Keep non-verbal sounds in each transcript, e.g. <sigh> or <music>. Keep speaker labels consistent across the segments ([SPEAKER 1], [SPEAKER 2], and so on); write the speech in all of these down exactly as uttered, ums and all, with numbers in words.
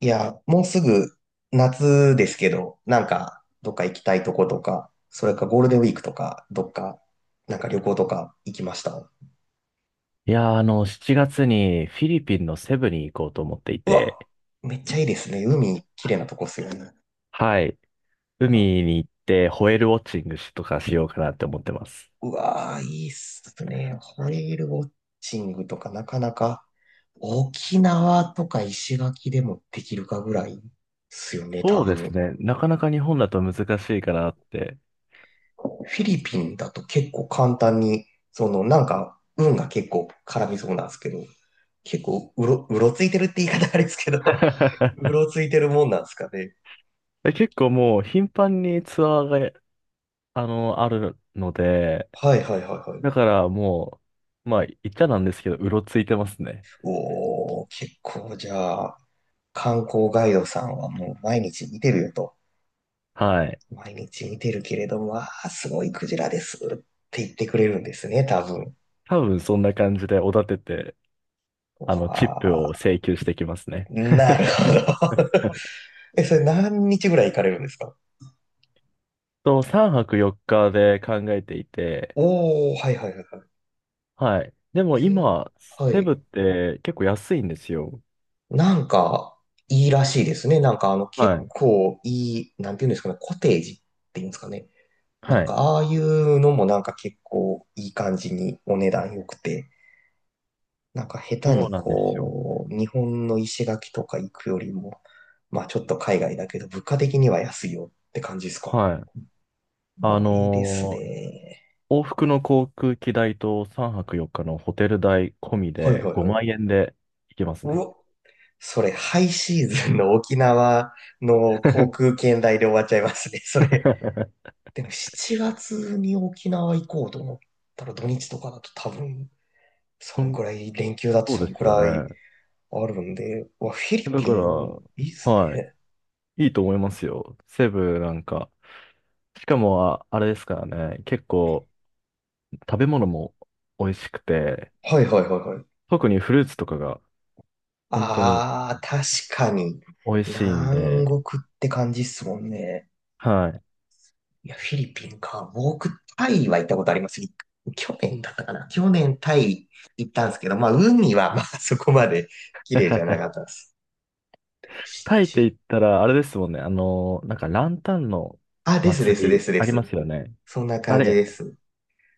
[SPEAKER 1] いや、もうすぐ夏ですけど、なんかどっか行きたいとことか、それかゴールデンウィークとか、どっか、なんか旅行とか行きました。
[SPEAKER 2] いやー、あの、しちがつにフィリピンのセブに行こうと思ってい
[SPEAKER 1] うわ、
[SPEAKER 2] て、
[SPEAKER 1] めっちゃいいですね。海、綺麗なとこっすよね。
[SPEAKER 2] はい。
[SPEAKER 1] あ、
[SPEAKER 2] 海に行ってホエールウォッチングしとかしようかなって思ってます。
[SPEAKER 1] うわー、いいっすね。ホエールウォッチングとかなかなか、沖縄とか石垣でもできるかぐらいっすよね、多
[SPEAKER 2] そうです
[SPEAKER 1] 分。
[SPEAKER 2] ね。なかなか日本だと難しいかなって。
[SPEAKER 1] フィリピンだと結構簡単に、そのなんか運が結構絡みそうなんですけど、結構うろ、うろついてるって言い方あれですけど、<laughs> う
[SPEAKER 2] <laughs>
[SPEAKER 1] ろついてるもんなんですかね。
[SPEAKER 2] え結構もう頻繁にツアーが、あの、あるので、
[SPEAKER 1] はいはいはいはい。
[SPEAKER 2] だからもう、まあ言っちゃなんですけど、うろついてますね。
[SPEAKER 1] おー、結構じゃあ、観光ガイドさんはもう毎日見てるよと。
[SPEAKER 2] はい。
[SPEAKER 1] 毎日見てるけれども、わあ、すごいクジラですって言ってくれるんですね、多分。
[SPEAKER 2] 多分そんな感じでおだてて、
[SPEAKER 1] わ
[SPEAKER 2] あの、チップを
[SPEAKER 1] あ、
[SPEAKER 2] 請求してきますね。
[SPEAKER 1] なるほど。<laughs> え、それ何日ぐらい行かれるんですか？
[SPEAKER 2] と、さんぱくよっかで考えていて、
[SPEAKER 1] おー、はいはいはいはい。
[SPEAKER 2] はい。でも
[SPEAKER 1] せ
[SPEAKER 2] 今、
[SPEAKER 1] は
[SPEAKER 2] セブっ
[SPEAKER 1] い。
[SPEAKER 2] て結構安いんですよ。
[SPEAKER 1] なんか、いいらしいですね。なんか、あの、結
[SPEAKER 2] はい。
[SPEAKER 1] 構いい、なんていうんですかね、コテージっていうんですかね。な
[SPEAKER 2] は
[SPEAKER 1] んか、
[SPEAKER 2] い。
[SPEAKER 1] ああいうのもなんか結構いい感じにお値段良くて、なんか下手
[SPEAKER 2] そう
[SPEAKER 1] に
[SPEAKER 2] なんですよ。
[SPEAKER 1] こう、日本の石垣とか行くよりも、まあちょっと海外だけど、物価的には安いよって感じですか？
[SPEAKER 2] はい。あ
[SPEAKER 1] まあいいです
[SPEAKER 2] のー
[SPEAKER 1] ね。
[SPEAKER 2] 往復の航空機代とさんぱくよっかのホテル代込み
[SPEAKER 1] はい
[SPEAKER 2] で
[SPEAKER 1] はいはい。
[SPEAKER 2] ごまん円で行けます
[SPEAKER 1] う
[SPEAKER 2] ね。
[SPEAKER 1] わ、それハイシーズンの沖縄の航空券代で終わっちゃいますね、それ。
[SPEAKER 2] <laughs>
[SPEAKER 1] でもしちがつに沖縄行こうと思ったら土日とかだと多分、
[SPEAKER 2] う
[SPEAKER 1] そん
[SPEAKER 2] ん、
[SPEAKER 1] くらい、連休だと
[SPEAKER 2] そ
[SPEAKER 1] そ
[SPEAKER 2] う
[SPEAKER 1] ん
[SPEAKER 2] です
[SPEAKER 1] く
[SPEAKER 2] よ
[SPEAKER 1] らい
[SPEAKER 2] ね。
[SPEAKER 1] あるんで、うわ、フィリ
[SPEAKER 2] <laughs> だ
[SPEAKER 1] ピ
[SPEAKER 2] から、
[SPEAKER 1] ン、いいっす
[SPEAKER 2] はい。
[SPEAKER 1] ね。
[SPEAKER 2] いいと思いますよ。セブなんか。しかも、あ、あれですからね。結構、食べ物も美味しくて、
[SPEAKER 1] はいはいはいはい。
[SPEAKER 2] 特にフルーツとかが本当に
[SPEAKER 1] ああ、確かに。
[SPEAKER 2] 美味しいん
[SPEAKER 1] 南
[SPEAKER 2] で、
[SPEAKER 1] 国って感じっすもんね。
[SPEAKER 2] はい。
[SPEAKER 1] いや、フィリピンか。僕、タイは行ったことあります。い去年だったかな。去年タイ行ったんですけど、まあ、海はまあ <laughs> そこまで綺麗じゃな
[SPEAKER 2] <laughs>
[SPEAKER 1] かったです。し
[SPEAKER 2] タイって言
[SPEAKER 1] ち
[SPEAKER 2] ったら、あれですもんね。あの、なんかランタンの
[SPEAKER 1] あ、ですです
[SPEAKER 2] 祭
[SPEAKER 1] で
[SPEAKER 2] り
[SPEAKER 1] すで
[SPEAKER 2] あり
[SPEAKER 1] す。
[SPEAKER 2] ますよね。
[SPEAKER 1] そんな
[SPEAKER 2] あ
[SPEAKER 1] 感じ
[SPEAKER 2] れ、
[SPEAKER 1] です。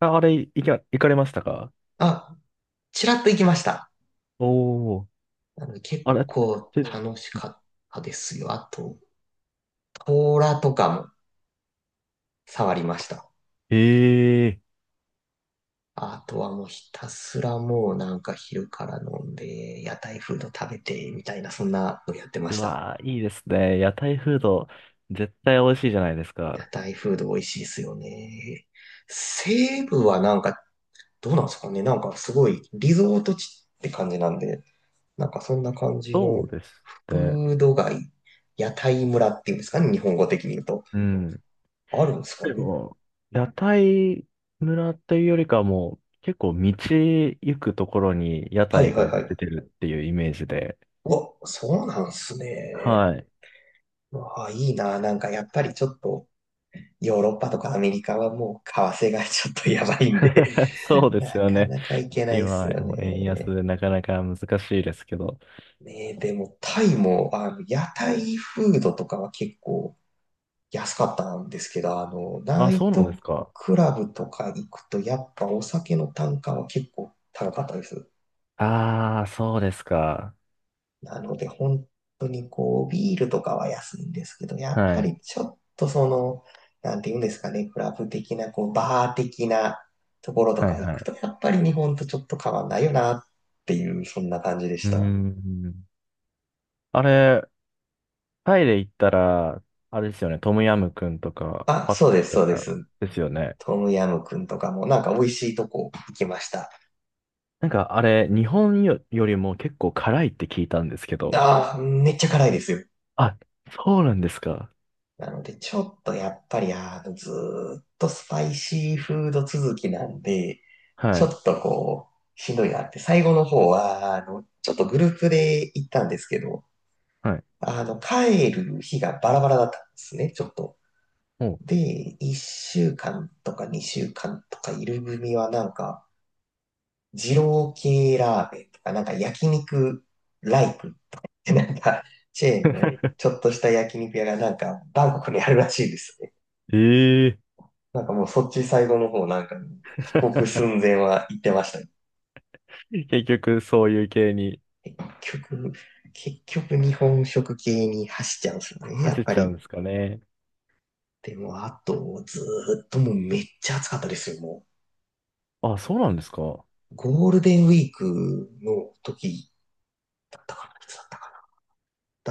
[SPEAKER 2] ああれ、行き行かれましたか？
[SPEAKER 1] あ、ちらっと行きました。
[SPEAKER 2] おおー、
[SPEAKER 1] なので結
[SPEAKER 2] あれ、
[SPEAKER 1] 構楽しかったですよ。あと、トーラとかも触りました。
[SPEAKER 2] ええ
[SPEAKER 1] あとはもうひたすらもうなんか昼から飲んで、屋台フード食べて、みたいな、そんなのやってま
[SPEAKER 2] ー、う
[SPEAKER 1] した。
[SPEAKER 2] わー、いいですね。屋台フード、絶対美味しいじゃないです
[SPEAKER 1] 屋
[SPEAKER 2] か。
[SPEAKER 1] 台フード美味しいですよね。西部はなんか、どうなんですかね。なんかすごいリゾート地って感じなんで、なんかそんな感じ
[SPEAKER 2] そ
[SPEAKER 1] の
[SPEAKER 2] うですね。
[SPEAKER 1] フード街、屋台村っていうんですかね、日本語的に言うと。
[SPEAKER 2] うん。
[SPEAKER 1] あるんですか
[SPEAKER 2] で
[SPEAKER 1] ね。
[SPEAKER 2] も、屋台村っていうよりかはもう、結構道行くところに屋
[SPEAKER 1] はい
[SPEAKER 2] 台
[SPEAKER 1] はい
[SPEAKER 2] が
[SPEAKER 1] はい。
[SPEAKER 2] 出
[SPEAKER 1] う
[SPEAKER 2] てるっていうイメージで、
[SPEAKER 1] わ、そうなんすね。
[SPEAKER 2] はい。
[SPEAKER 1] うわ、いいな。なんかやっぱりちょっと、ヨーロッパとかアメリカはもう為替がちょっとやばいんで
[SPEAKER 2] <laughs> そう
[SPEAKER 1] <laughs>
[SPEAKER 2] で
[SPEAKER 1] な
[SPEAKER 2] すよ
[SPEAKER 1] か
[SPEAKER 2] ね。
[SPEAKER 1] なか行けないっす
[SPEAKER 2] 今、
[SPEAKER 1] よ
[SPEAKER 2] もう円安
[SPEAKER 1] ね。
[SPEAKER 2] でなかなか難しいですけど。
[SPEAKER 1] ねえ、でもタイも、あの、屋台フードとかは結構安かったんですけど、あの、ナ
[SPEAKER 2] あ、
[SPEAKER 1] イ
[SPEAKER 2] そうなんで
[SPEAKER 1] ト
[SPEAKER 2] すか。
[SPEAKER 1] クラブとか行くとやっぱお酒の単価は結構高かったです。
[SPEAKER 2] ああ、そうですか。
[SPEAKER 1] なので、本当にこう、ビールとかは安いんですけど、やっ
[SPEAKER 2] は
[SPEAKER 1] ぱ
[SPEAKER 2] い。
[SPEAKER 1] りちょっとその、なんていうんですかね、クラブ的な、こう、バー的なところと
[SPEAKER 2] は
[SPEAKER 1] か
[SPEAKER 2] い、
[SPEAKER 1] 行
[SPEAKER 2] は
[SPEAKER 1] く
[SPEAKER 2] い。
[SPEAKER 1] と、やっぱり日本とちょっと変わんないよなっていう、そんな感じで
[SPEAKER 2] う
[SPEAKER 1] し
[SPEAKER 2] ー
[SPEAKER 1] た。
[SPEAKER 2] ん。あれ、タイで行ったら、あれですよね。トムヤムクンとか、
[SPEAKER 1] あ、
[SPEAKER 2] パッ
[SPEAKER 1] そう
[SPEAKER 2] タ
[SPEAKER 1] で
[SPEAKER 2] イ
[SPEAKER 1] す、
[SPEAKER 2] と
[SPEAKER 1] そうで
[SPEAKER 2] か
[SPEAKER 1] す。
[SPEAKER 2] ですよね。
[SPEAKER 1] トムヤム君とかも、なんか美味しいとこ行きました。
[SPEAKER 2] なんかあれ、日本よ、よりも結構辛いって聞いたんですけど。
[SPEAKER 1] ああ、めっちゃ辛いですよ。
[SPEAKER 2] あ、そうなんですか。
[SPEAKER 1] なので、ちょっとやっぱり、あの、ずーっとスパイシーフード続きなんで、
[SPEAKER 2] は
[SPEAKER 1] ちょ
[SPEAKER 2] い。
[SPEAKER 1] っとこう、しんどいなって、最後の方は、あの、ちょっとグループで行ったんですけど、
[SPEAKER 2] はい。
[SPEAKER 1] あの、帰る日がバラバラだったんですね、ちょっと。
[SPEAKER 2] おう。
[SPEAKER 1] で、いっしゅうかんとかにしゅうかんとかいる組はなんか、二郎系ラーメンとか、なんか焼肉ライクってなんか、チェーンの
[SPEAKER 2] <laughs>
[SPEAKER 1] ちょっとした焼肉屋がなんか、バンコクにあるらしいですね。
[SPEAKER 2] ええ
[SPEAKER 1] なんかもうそっち最後の方なんか、帰国
[SPEAKER 2] <laughs>
[SPEAKER 1] 寸前は行ってましたね。
[SPEAKER 2] 結局、そういう系に
[SPEAKER 1] 結局、結局日本食系に走っちゃうんですよね、や
[SPEAKER 2] 走
[SPEAKER 1] っ
[SPEAKER 2] っ
[SPEAKER 1] ぱ
[SPEAKER 2] ちゃうん
[SPEAKER 1] り。
[SPEAKER 2] ですかね。
[SPEAKER 1] でも、あと、ずーっともうめっちゃ暑かったですよ、も
[SPEAKER 2] あ、そうなんですか。
[SPEAKER 1] う。ゴールデンウィークの時だったかな、いつだったかな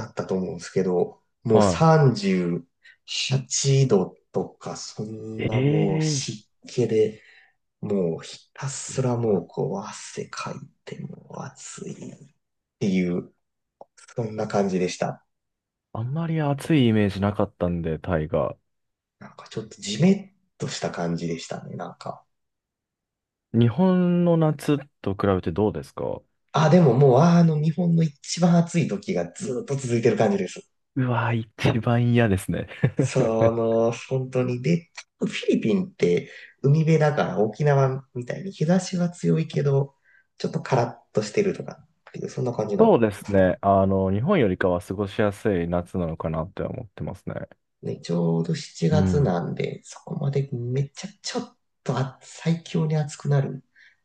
[SPEAKER 1] だったと思うんですけど、も
[SPEAKER 2] は
[SPEAKER 1] うさんじゅうはちどとか、そんなもう
[SPEAKER 2] い。ええ、
[SPEAKER 1] 湿気で、もうひたす
[SPEAKER 2] う
[SPEAKER 1] らも
[SPEAKER 2] わ、
[SPEAKER 1] うこう汗かいてもう暑いっていうそんな感じでした。
[SPEAKER 2] あんまり暑いイメージなかったんで、タイが。
[SPEAKER 1] なんかちょっとジメッとした感じでしたね、なんか。
[SPEAKER 2] 日本の夏と比べてどうですか？
[SPEAKER 1] あ、でももう、あの、日本の一番暑い時がずっと続いてる感じです。
[SPEAKER 2] <laughs> うわ、一 <laughs> 番嫌ですね。<laughs>
[SPEAKER 1] その、本当に。で、フィリピンって海辺だから沖縄みたいに日差しは強いけど、ちょっとカラッとしてるとかっていう、そんな感じの。
[SPEAKER 2] そうですね。あの、日本よりかは過ごしやすい夏なのかなって思ってますね。
[SPEAKER 1] ね、ちょうど7
[SPEAKER 2] う
[SPEAKER 1] 月
[SPEAKER 2] ん。
[SPEAKER 1] なんで、そこまでめっちゃちょっとあ最強に暑くなる。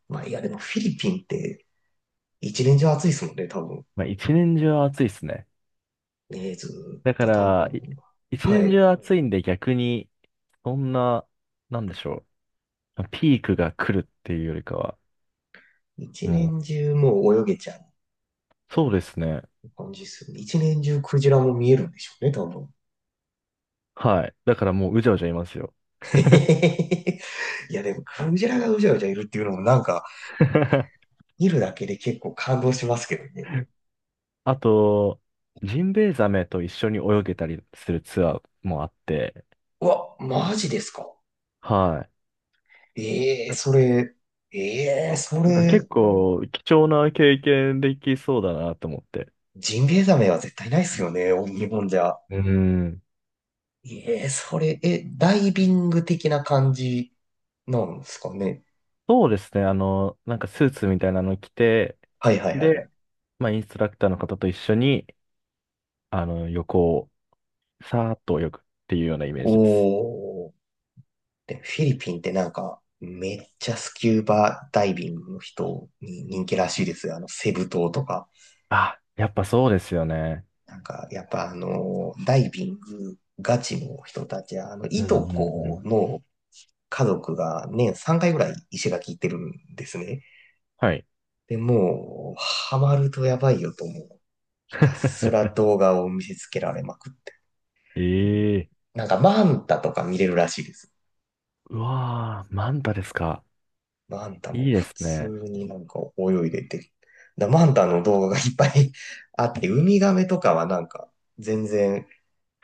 [SPEAKER 1] まあ、いや、でもフィリピンって一年中暑いですもんね、多分。
[SPEAKER 2] まあ、一年中暑いですね。
[SPEAKER 1] ね、ずーっ
[SPEAKER 2] だか
[SPEAKER 1] と多
[SPEAKER 2] ら、い
[SPEAKER 1] 分、
[SPEAKER 2] 一
[SPEAKER 1] は
[SPEAKER 2] 年
[SPEAKER 1] い。
[SPEAKER 2] 中暑いんで逆に、そんな、なんでしょう。ピークが来るっていうよりかは、
[SPEAKER 1] 一
[SPEAKER 2] も
[SPEAKER 1] 年
[SPEAKER 2] う、
[SPEAKER 1] 中もう泳げちゃう
[SPEAKER 2] そうですね。
[SPEAKER 1] 感じですよね。一年中クジラも見えるんでしょうね、多分。
[SPEAKER 2] はい。だからもううじゃうじゃいますよ。
[SPEAKER 1] <laughs> いや、でもクジラがうじゃうじゃいるっていうのもなんか、
[SPEAKER 2] <laughs>
[SPEAKER 1] 見るだけで結構感動しますけどね。
[SPEAKER 2] あと、ジンベエザメと一緒に泳げたりするツアーもあって、
[SPEAKER 1] うわ、マジですか？
[SPEAKER 2] はい。
[SPEAKER 1] ええーそれ、ええーそ
[SPEAKER 2] なんか結
[SPEAKER 1] れ、
[SPEAKER 2] 構貴重な経験できそうだなと思って。
[SPEAKER 1] ジンベエザメは絶対ないですよね、日本じゃ。
[SPEAKER 2] うん。
[SPEAKER 1] ええーそれ、え、ダイビング的な感じなんですかね。
[SPEAKER 2] そうですね。あの、なんかスーツみたいなの着て、
[SPEAKER 1] はいはいはいは
[SPEAKER 2] で、
[SPEAKER 1] い。
[SPEAKER 2] まあインストラクターの方と一緒に、あの、横をさーっと泳ぐっていうようなイメージです。
[SPEAKER 1] おー。で、フィリピンってなんか、めっちゃスキューバダイビングの人に人気らしいですよ。あの、セブ島とか。
[SPEAKER 2] あ、やっぱそうですよね。
[SPEAKER 1] なんか、やっぱあの、ダイビングガチの人たちは、あの、
[SPEAKER 2] うん
[SPEAKER 1] い
[SPEAKER 2] う
[SPEAKER 1] と
[SPEAKER 2] んう
[SPEAKER 1] こ
[SPEAKER 2] ん。
[SPEAKER 1] の家族が年さんかいぐらい石垣行ってるんですね。
[SPEAKER 2] はい。
[SPEAKER 1] で、もう、ハマるとやばいよと思う。ひたすら
[SPEAKER 2] <laughs>
[SPEAKER 1] 動画を見せつけられまくって。
[SPEAKER 2] ええ、
[SPEAKER 1] なんか、マンタとか見れるらしいです。
[SPEAKER 2] うわー、マンタですか。
[SPEAKER 1] マンタ
[SPEAKER 2] い
[SPEAKER 1] も
[SPEAKER 2] いで
[SPEAKER 1] 普
[SPEAKER 2] す
[SPEAKER 1] 通
[SPEAKER 2] ね。
[SPEAKER 1] になんか泳いでて、だマンタの動画がいっぱい <laughs> あって、ウミガメとかはなんか全然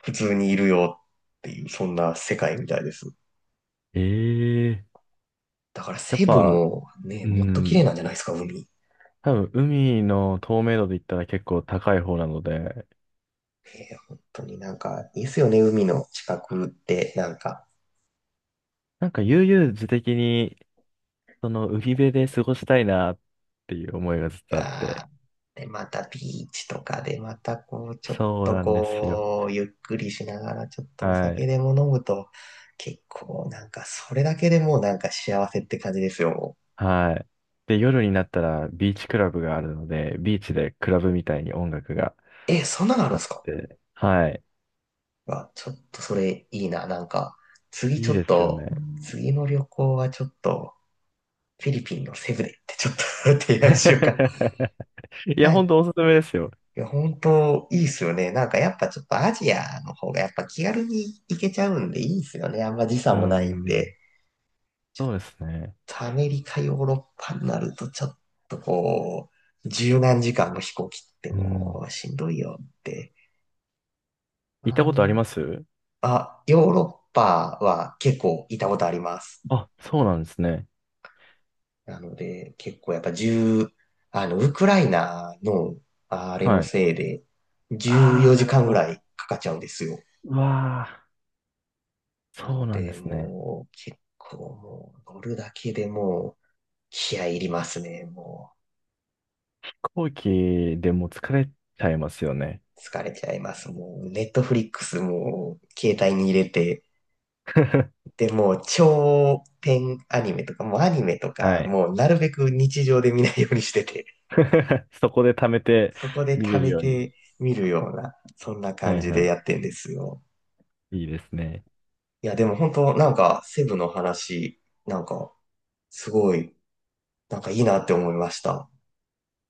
[SPEAKER 1] 普通にいるよっていう、そんな世界みたいです。
[SPEAKER 2] ええ、
[SPEAKER 1] だから
[SPEAKER 2] やっ
[SPEAKER 1] セブ
[SPEAKER 2] ぱ、
[SPEAKER 1] もね、
[SPEAKER 2] う
[SPEAKER 1] もっと綺麗
[SPEAKER 2] ん、
[SPEAKER 1] なんじゃないですか、海。
[SPEAKER 2] 多分海の透明度で言ったら結構高い方なので、
[SPEAKER 1] えー本当になんかいいですよね、海の近くって、なんか。
[SPEAKER 2] なんか悠々自適に、その海辺で過ごしたいなっていう思いがずっとあって。
[SPEAKER 1] が、で、またビーチとかで、またこう、ちょっ
[SPEAKER 2] そう
[SPEAKER 1] と
[SPEAKER 2] なんですよ。
[SPEAKER 1] こう、ゆっくりしながら、ちょっとお
[SPEAKER 2] は
[SPEAKER 1] 酒
[SPEAKER 2] い。
[SPEAKER 1] でも飲むと、結構なんか、それだけでもうなんか幸せって感じですよ。も
[SPEAKER 2] はい。で、夜になったらビーチクラブがあるので、ビーチでクラブみたいに音楽があっ
[SPEAKER 1] う。え、そんなのあるんですか？
[SPEAKER 2] て、はい。
[SPEAKER 1] あ、ちょっとそれいいな。なんか、次ち
[SPEAKER 2] いい
[SPEAKER 1] ょっ
[SPEAKER 2] ですよ
[SPEAKER 1] と、
[SPEAKER 2] ね。
[SPEAKER 1] 次の旅行はちょっと、フィリピンのセブでってちょっと <laughs> 提案しようか
[SPEAKER 2] <laughs> いや、ほん
[SPEAKER 1] な。
[SPEAKER 2] とおすすめですよ。
[SPEAKER 1] いや、本当いいっすよね。なんかやっぱちょっとアジアの方がやっぱ気軽に行けちゃうんでいいっすよね。あんま時差
[SPEAKER 2] う
[SPEAKER 1] もないん
[SPEAKER 2] ん。
[SPEAKER 1] で。ちょっ
[SPEAKER 2] そうですね。
[SPEAKER 1] とアメリカ、ヨーロッパになると、ちょっとこう、十何時間の飛行機って
[SPEAKER 2] うん。
[SPEAKER 1] もうしんどいよって。
[SPEAKER 2] 行った
[SPEAKER 1] あ
[SPEAKER 2] ことあり
[SPEAKER 1] ん、
[SPEAKER 2] ます？
[SPEAKER 1] あ、ヨーロッパは結構いたことあります。
[SPEAKER 2] あ、そうなんですね。
[SPEAKER 1] なので、結構やっぱじゅう、あの、ウクライナのあれの
[SPEAKER 2] はい。
[SPEAKER 1] せいで、14
[SPEAKER 2] ああ、な
[SPEAKER 1] 時
[SPEAKER 2] るほ
[SPEAKER 1] 間ぐら
[SPEAKER 2] ど。
[SPEAKER 1] いかかっちゃうんですよ。
[SPEAKER 2] うわあ、
[SPEAKER 1] な
[SPEAKER 2] そう
[SPEAKER 1] の
[SPEAKER 2] なんで
[SPEAKER 1] で、
[SPEAKER 2] すね。
[SPEAKER 1] もう、結構もう、乗るだけでもう、気合い入りますね、もう。
[SPEAKER 2] 飛行機でもう疲れちゃいますよね。
[SPEAKER 1] 疲れちゃいます。もう、ネットフリックスも携帯に入れて、
[SPEAKER 2] <laughs>
[SPEAKER 1] で、もう長編アニメとか、もうアニメと
[SPEAKER 2] は
[SPEAKER 1] か、
[SPEAKER 2] い。
[SPEAKER 1] もうなるべく日常で見ないようにしてて、
[SPEAKER 2] <laughs> そこで貯めて
[SPEAKER 1] そこで
[SPEAKER 2] 見
[SPEAKER 1] 貯
[SPEAKER 2] れる
[SPEAKER 1] め
[SPEAKER 2] ように。
[SPEAKER 1] て見るような、そんな
[SPEAKER 2] は
[SPEAKER 1] 感
[SPEAKER 2] い
[SPEAKER 1] じ
[SPEAKER 2] は
[SPEAKER 1] でや
[SPEAKER 2] い。
[SPEAKER 1] ってんですよ。
[SPEAKER 2] いいですね。
[SPEAKER 1] いや、でも本当なんか、セブの話、なんか、すごい、なんかいいなって思いました。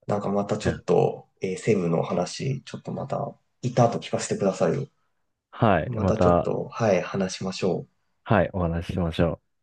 [SPEAKER 1] なんかまたち
[SPEAKER 2] い
[SPEAKER 1] ょ
[SPEAKER 2] や、
[SPEAKER 1] っと、えーセブの話、ちょっとまた、いた後聞かせてくださいよ。
[SPEAKER 2] はい。
[SPEAKER 1] ま
[SPEAKER 2] ま
[SPEAKER 1] たちょっ
[SPEAKER 2] た、
[SPEAKER 1] と、はい、話しましょう。
[SPEAKER 2] はい、お話ししましょう。